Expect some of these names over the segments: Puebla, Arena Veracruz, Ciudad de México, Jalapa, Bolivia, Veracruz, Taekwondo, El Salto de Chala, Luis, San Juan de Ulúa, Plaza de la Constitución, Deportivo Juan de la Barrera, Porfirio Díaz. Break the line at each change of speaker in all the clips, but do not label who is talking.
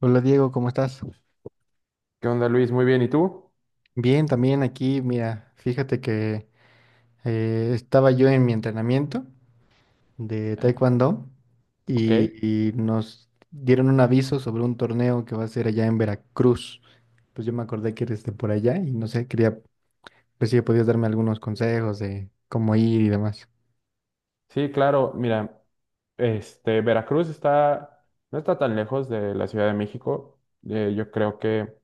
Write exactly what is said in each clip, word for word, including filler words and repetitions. Hola Diego, ¿cómo estás?
¿Qué onda, Luis? Muy bien, ¿y tú?
Bien, también aquí, mira, fíjate que eh, estaba yo en mi entrenamiento de
Ah,
Taekwondo
ok.
y, y nos dieron un aviso sobre un torneo que va a ser allá en Veracruz. Pues yo me acordé que eres de por allá y no sé, quería pues si podías darme algunos consejos de cómo ir y demás.
Sí, claro, mira, este, Veracruz está, no está tan lejos de la Ciudad de México. Eh, yo creo que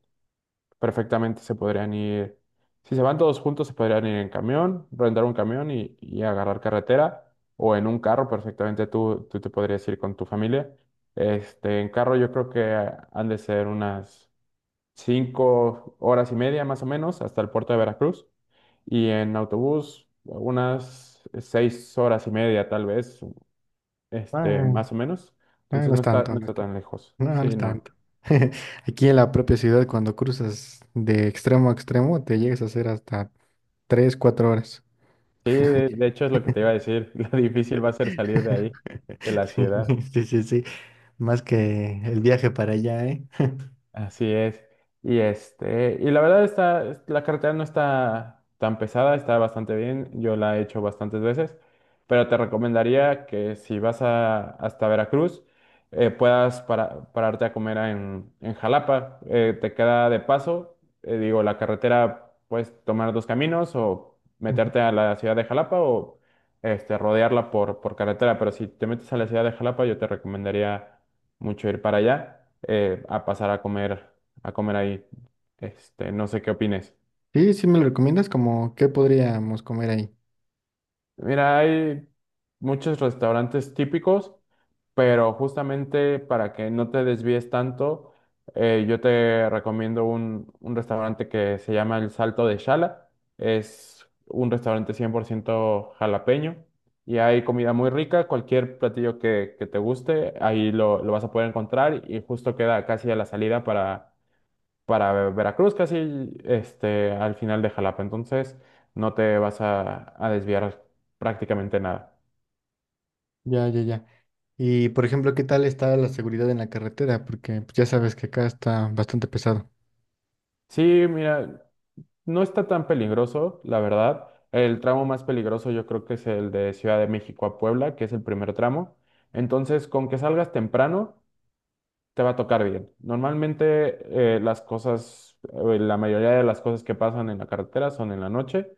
perfectamente se podrían ir, si se van todos juntos, se podrían ir en camión, rentar un camión y, y agarrar carretera, o en un carro, perfectamente tú, tú te podrías ir con tu familia. Este, en carro yo creo que han de ser unas cinco horas y media más o menos hasta el puerto de Veracruz. Y en autobús, unas seis horas y media, tal vez, este,
Ah,
más o menos.
ah,
Entonces
no
no
es
está,
tanto,
no
no es
está
tanto.
tan lejos.
No, no
Sí,
es
no.
tanto. Aquí en la propia ciudad, cuando cruzas de extremo a extremo, te llegas a hacer hasta tres, cuatro horas.
Sí, de de hecho es lo que te iba a decir. Lo difícil va a ser salir de ahí, de la ciudad.
Sí, sí, sí. Más que el viaje para allá, ¿eh?
Así es. Y este, y la verdad está, la carretera no está tan pesada, está bastante bien. Yo la he hecho bastantes veces, pero te recomendaría que si vas a, hasta Veracruz, eh, puedas para- pararte a comer en, en Jalapa. Eh, te queda de paso, eh, digo, la carretera puedes tomar dos caminos o
Ujú.
meterte a la ciudad de Jalapa o este, rodearla por, por carretera. Pero si te metes a la ciudad de Jalapa, yo te recomendaría mucho ir para allá, eh, a pasar a comer, a comer ahí. Este, no sé qué opines.
Sí, sí me lo recomiendas, ¿como qué podríamos comer ahí?
Mira, hay muchos restaurantes típicos, pero justamente para que no te desvíes tanto, eh, yo te recomiendo un, un restaurante que se llama El Salto de Chala. Es un restaurante cien por ciento jalapeño y hay comida muy rica. Cualquier platillo que, que te guste, ahí lo, lo vas a poder encontrar y justo queda casi a la salida para para Veracruz, casi este, al final de Jalapa. Entonces, no te vas a, a desviar prácticamente nada.
Ya, ya, ya. Y por ejemplo, ¿qué tal está la seguridad en la carretera? Porque pues, ya sabes que acá está bastante pesado.
Sí, mira, no está tan peligroso, la verdad. El tramo más peligroso yo creo que es el de Ciudad de México a Puebla, que es el primer tramo. Entonces, con que salgas temprano te va a tocar bien. Normalmente eh, las cosas, eh, la mayoría de las cosas que pasan en la carretera son en la noche,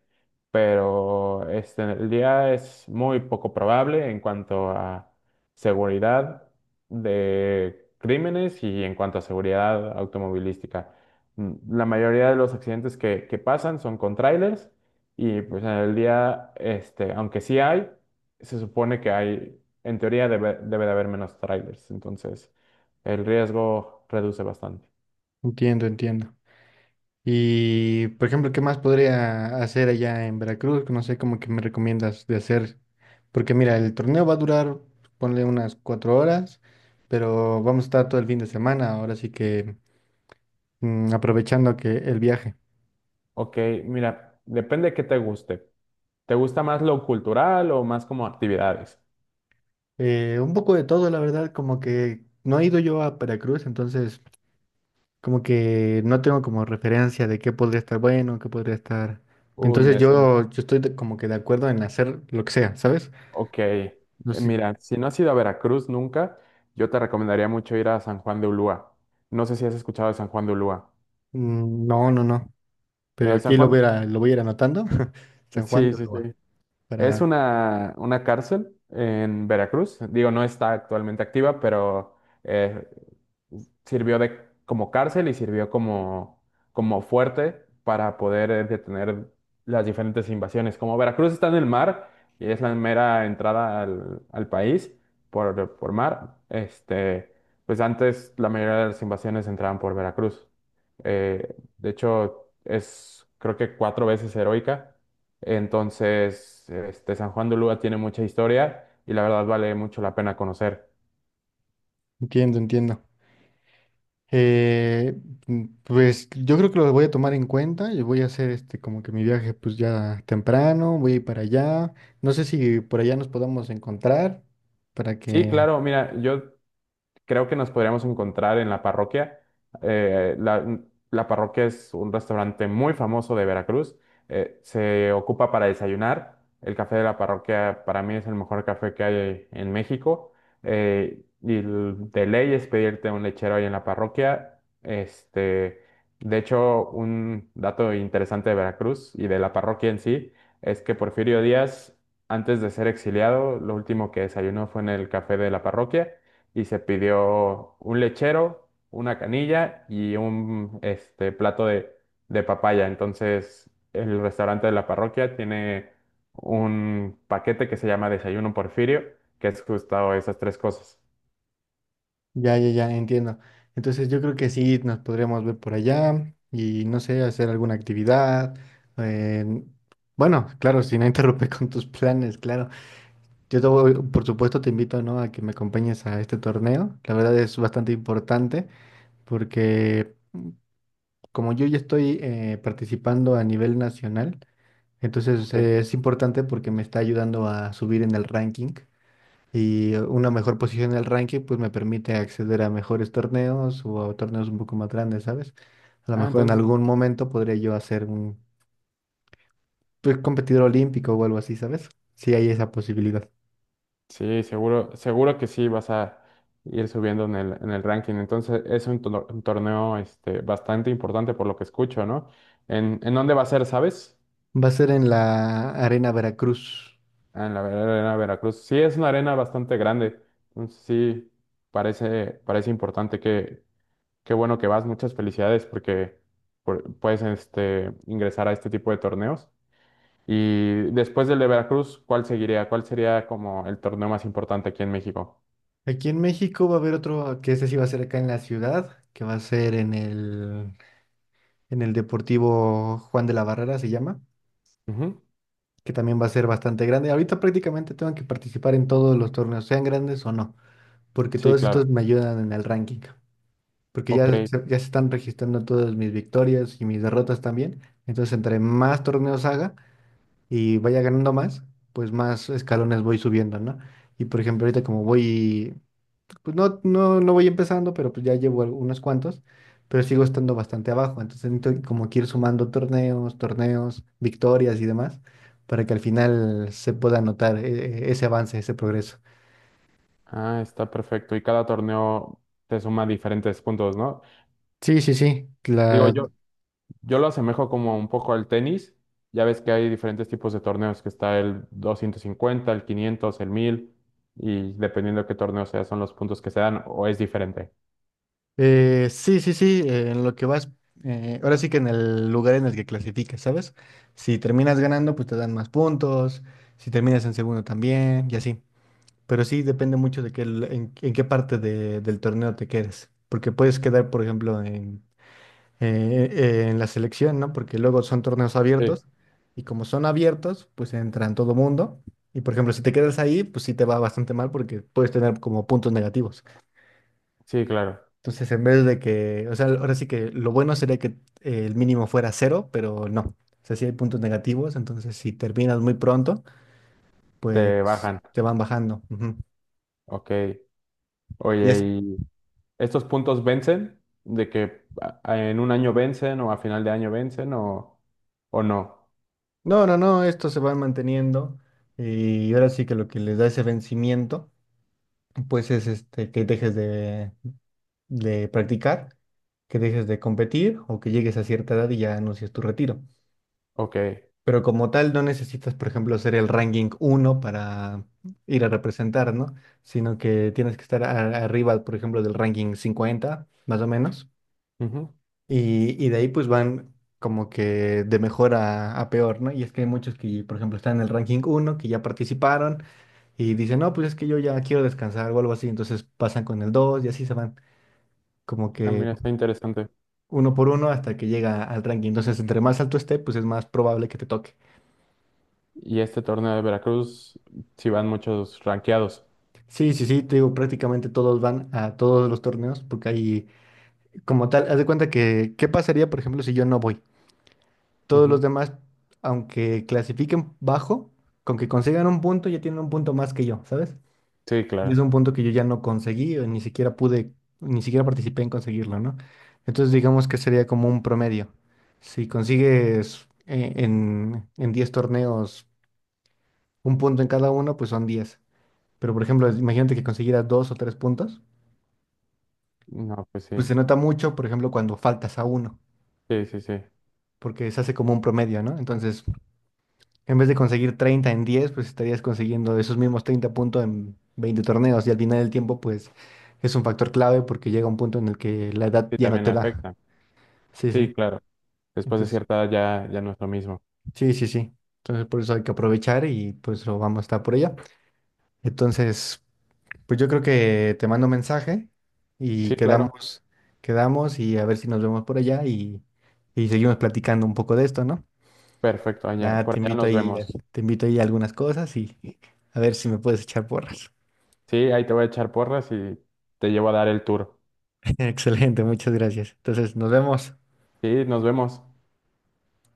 pero este, el día es muy poco probable en cuanto a seguridad de crímenes y en cuanto a seguridad automovilística. Mm, La mayoría de los accidentes que, que pasan son con trailers y pues en el día, este, aunque sí hay, se supone que hay, en teoría debe, debe de haber menos trailers. Entonces el riesgo reduce bastante.
Entiendo, entiendo. Y por ejemplo, ¿qué más podría hacer allá en Veracruz? No sé cómo que me recomiendas de hacer. Porque mira, el torneo va a durar, ponle unas cuatro horas, pero vamos a estar todo el fin de semana. Ahora sí que mm, aprovechando que el viaje.
Ok, mira, depende de qué te guste. ¿Te gusta más lo cultural o más como actividades?
Eh, un poco de todo, la verdad, como que no he ido yo a Veracruz, entonces como que no tengo como referencia de qué podría estar bueno, qué podría estar.
Uy,
Entonces
mira, si no.
yo, yo estoy de- como que de acuerdo en hacer lo que sea, ¿sabes?
Ok, eh,
No sé.
mira, si no has ido a Veracruz nunca, yo te recomendaría mucho ir a San Juan de Ulúa. No sé si has escuchado de San Juan de Ulúa.
Mm. No, no, no. Pero
Mira, San
aquí lo voy
Juan,
a, ir a- lo voy a ir anotando. San Juan
sí,
de
sí, sí.
Ulúa,
Es
para...
una, una cárcel en Veracruz. Digo, no está actualmente activa, pero eh, sirvió de, como cárcel y sirvió como, como fuerte para poder eh, detener las diferentes invasiones. Como Veracruz está en el mar y es la mera entrada al, al país por, por mar, este, pues antes la mayoría de las invasiones entraban por Veracruz. Eh, de hecho, es creo que cuatro veces heroica. Entonces, este, San Juan de Ulúa tiene mucha historia y la verdad vale mucho la pena conocer.
Entiendo, entiendo. Eh, mm, pues yo creo que los voy a tomar en cuenta y voy a hacer este como que mi viaje pues ya temprano, voy a ir para allá. No sé si por allá nos podamos encontrar para
Sí,
que
claro, mira, yo creo que nos podríamos encontrar en la parroquia. Eh, la, la parroquia es un restaurante muy famoso de Veracruz. Eh, se ocupa para desayunar. El café de la parroquia para mí es el mejor café que hay en México. Eh, y l- de ley es pedirte un lechero ahí en la parroquia. Este, de hecho, un dato interesante de Veracruz y de la parroquia en sí es que Porfirio Díaz, antes de ser exiliado, lo último que desayunó fue en el café de la parroquia y se pidió un lechero, una canilla y un este, plato de, de papaya. Entonces, el restaurante de la parroquia tiene un paquete que se llama Desayuno Porfirio, que es justo esas tres cosas.
ya, ya, ya entiendo. Entonces yo creo que sí nos podríamos ver por allá y no sé, hacer alguna actividad. eh, bueno, claro, si no interrumpe con tus planes, claro. Yo te voy- por supuesto te invito, ¿no?, a que me acompañes a este torneo. La verdad es bastante importante porque como yo ya estoy eh, participando a nivel nacional, entonces
Ok.
eh, es importante porque me está ayudando a subir en el ranking y eh, una mejor posición en el ranking pues me permite acceder a mejores torneos o a torneos un poco más grandes, ¿sabes? A lo
Ah,
mejor en
entonces,
algún momento podría yo hacer un pues, competidor olímpico o algo así, ¿sabes? Si hay esa posibilidad.
sí, seguro, seguro que sí vas a ir subiendo en el, en el ranking. Entonces, es un, tor- un torneo este, bastante importante por lo que escucho, ¿no? ¿En, en dónde va a ser, sabes?
Va a ser en la Arena Veracruz.
Ah, en la ver- Arena Veracruz. Sí, es una arena bastante grande. Entonces, sí, parece, parece importante que, qué bueno que vas. Muchas felicidades porque por- puedes este, ingresar a este tipo de torneos. Y después del de Veracruz, ¿cuál seguiría? ¿Cuál sería como el torneo más importante aquí en México?
Aquí en México va a haber otro, que ese sí va a ser acá en la ciudad, que va a ser en el en el Deportivo Juan de la Barrera se llama,
Ujú.
que también va a ser bastante grande. Ahorita prácticamente tengo que participar en todos los torneos, sean grandes o no, porque
Sí,
todos
claro.
estos me ayudan en el ranking, porque
Ok.
ya se, ya se están registrando todas mis victorias y mis derrotas también. Entonces, entre más torneos haga y vaya ganando más, pues más escalones voy subiendo, ¿no? Y por ejemplo, ahorita como voy pues no, no, no voy empezando, pero pues ya llevo al- unos cuantos, pero sigo estando bastante abajo. Entonces necesito como que ir sumando torneos, torneos, victorias y demás, para que al final se pueda notar eh, e-, ese avance, ese progreso.
Ah, está perfecto. Y cada torneo te suma diferentes puntos, ¿no?
Sí, sí, sí.
Digo,
La,
yo, yo lo asemejo como un poco al tenis. Ya ves que hay diferentes tipos de torneos, que está el doscientos cincuenta, el quinientos, el mil, y dependiendo de qué torneo sea, son los puntos que se dan o es diferente.
eh, sí, sí, sí, eh, en lo que vas, eh, ahora sí que en el lugar en el que clasificas, ¿sabes? Si terminas ganando, pues te dan más puntos, si terminas en segundo también, y así. Pero sí depende mucho de qué, l- en, en qué parte de- del torneo te quedes. Porque puedes quedar, por ejemplo, en, eh, eh, en la selección, ¿no? Porque luego son torneos
Sí.
abiertos. Y como son abiertos, pues entran todo mundo. Y por ejemplo, si te quedas ahí, pues sí te va bastante mal porque puedes tener como puntos negativos.
Sí, claro,
Entonces, en vez de que, o sea, ahora sí que lo bueno sería que eh, el mínimo fuera cero, pero no. O sea, sí hay puntos negativos. Entonces, si terminas muy pronto,
te
pues
bajan.
te van bajando. Ujú.
Ok.
Y
Oye,
es
¿y estos puntos vencen? ¿De que a- a- en un año vencen o a final de año vencen o, o no?
No, no, no, estos se van manteniendo y ahora sí que lo que les da ese vencimiento, pues es este, que dejes de, de practicar, que dejes de competir o que llegues a cierta edad y ya anuncies tu retiro.
Ok.
Pero como tal, no necesitas, por ejemplo, ser el ranking uno para ir a representar, ¿no? Sino que tienes que estar a- arriba, por ejemplo, del ranking cincuenta, más o menos.
Ujú.
Y, y de ahí pues van como que de mejor a, a peor, ¿no? Y es que hay muchos que, por ejemplo, están en el ranking uno que ya participaron y dicen, no, pues es que yo ya quiero descansar o algo así, entonces pasan con el dos y así se van como
Ah,
que
mira, está interesante.
uno por uno hasta que llega al ranking. Entonces, entre más alto esté, pues es más probable que te toque.
Y este torneo de Veracruz, si van muchos ranqueados.
Sí, sí, sí, te digo, prácticamente todos van a todos los torneos porque hay, como tal, haz de cuenta que, ¿qué pasaría, por ejemplo, si yo no voy? Todos los
Ujú.
demás, aunque clasifiquen bajo, con que consigan un punto, ya tienen un punto más que yo, ¿sabes?
Sí,
Y es
claro.
un punto que yo ya no conseguí, o ni siquiera pude, ni siquiera participé en conseguirlo, ¿no? Entonces digamos que sería como un promedio. Si consigues eh, en, en diez torneos un punto en cada uno, pues son diez. Pero por ejemplo, imagínate que consiguieras dos o tres puntos,
No, pues
pues
sí,
se nota mucho, por ejemplo, cuando faltas a uno,
sí, sí, sí,
porque se hace como un promedio, ¿no? Entonces, en vez de conseguir treinta en diez pues estarías consiguiendo esos mismos treinta puntos en veinte torneos y al final del tiempo, pues es un factor clave porque llega un punto en el que la edad
sí,
ya no
también
te da.
afecta.
Sí, sí.
Sí, claro, después de
Entonces,
cierta edad ya, ya no es lo mismo.
sí, sí, sí. Entonces, por eso hay que aprovechar y pues lo vamos a estar por allá. Entonces, pues yo creo que te mando un mensaje y
Sí, claro,
quedamos, quedamos y a ver si nos vemos por allá y, y seguimos platicando un poco de esto, ¿no?
perfecto, allá,
Ya te
por allá
invito
nos
ahí,
vemos.
te invito ahí a algunas cosas y a ver si me puedes echar porras.
Sí, ahí te voy a echar porras y te llevo a dar el tour.
Excelente, muchas gracias. Entonces, nos vemos.
Sí, nos vemos.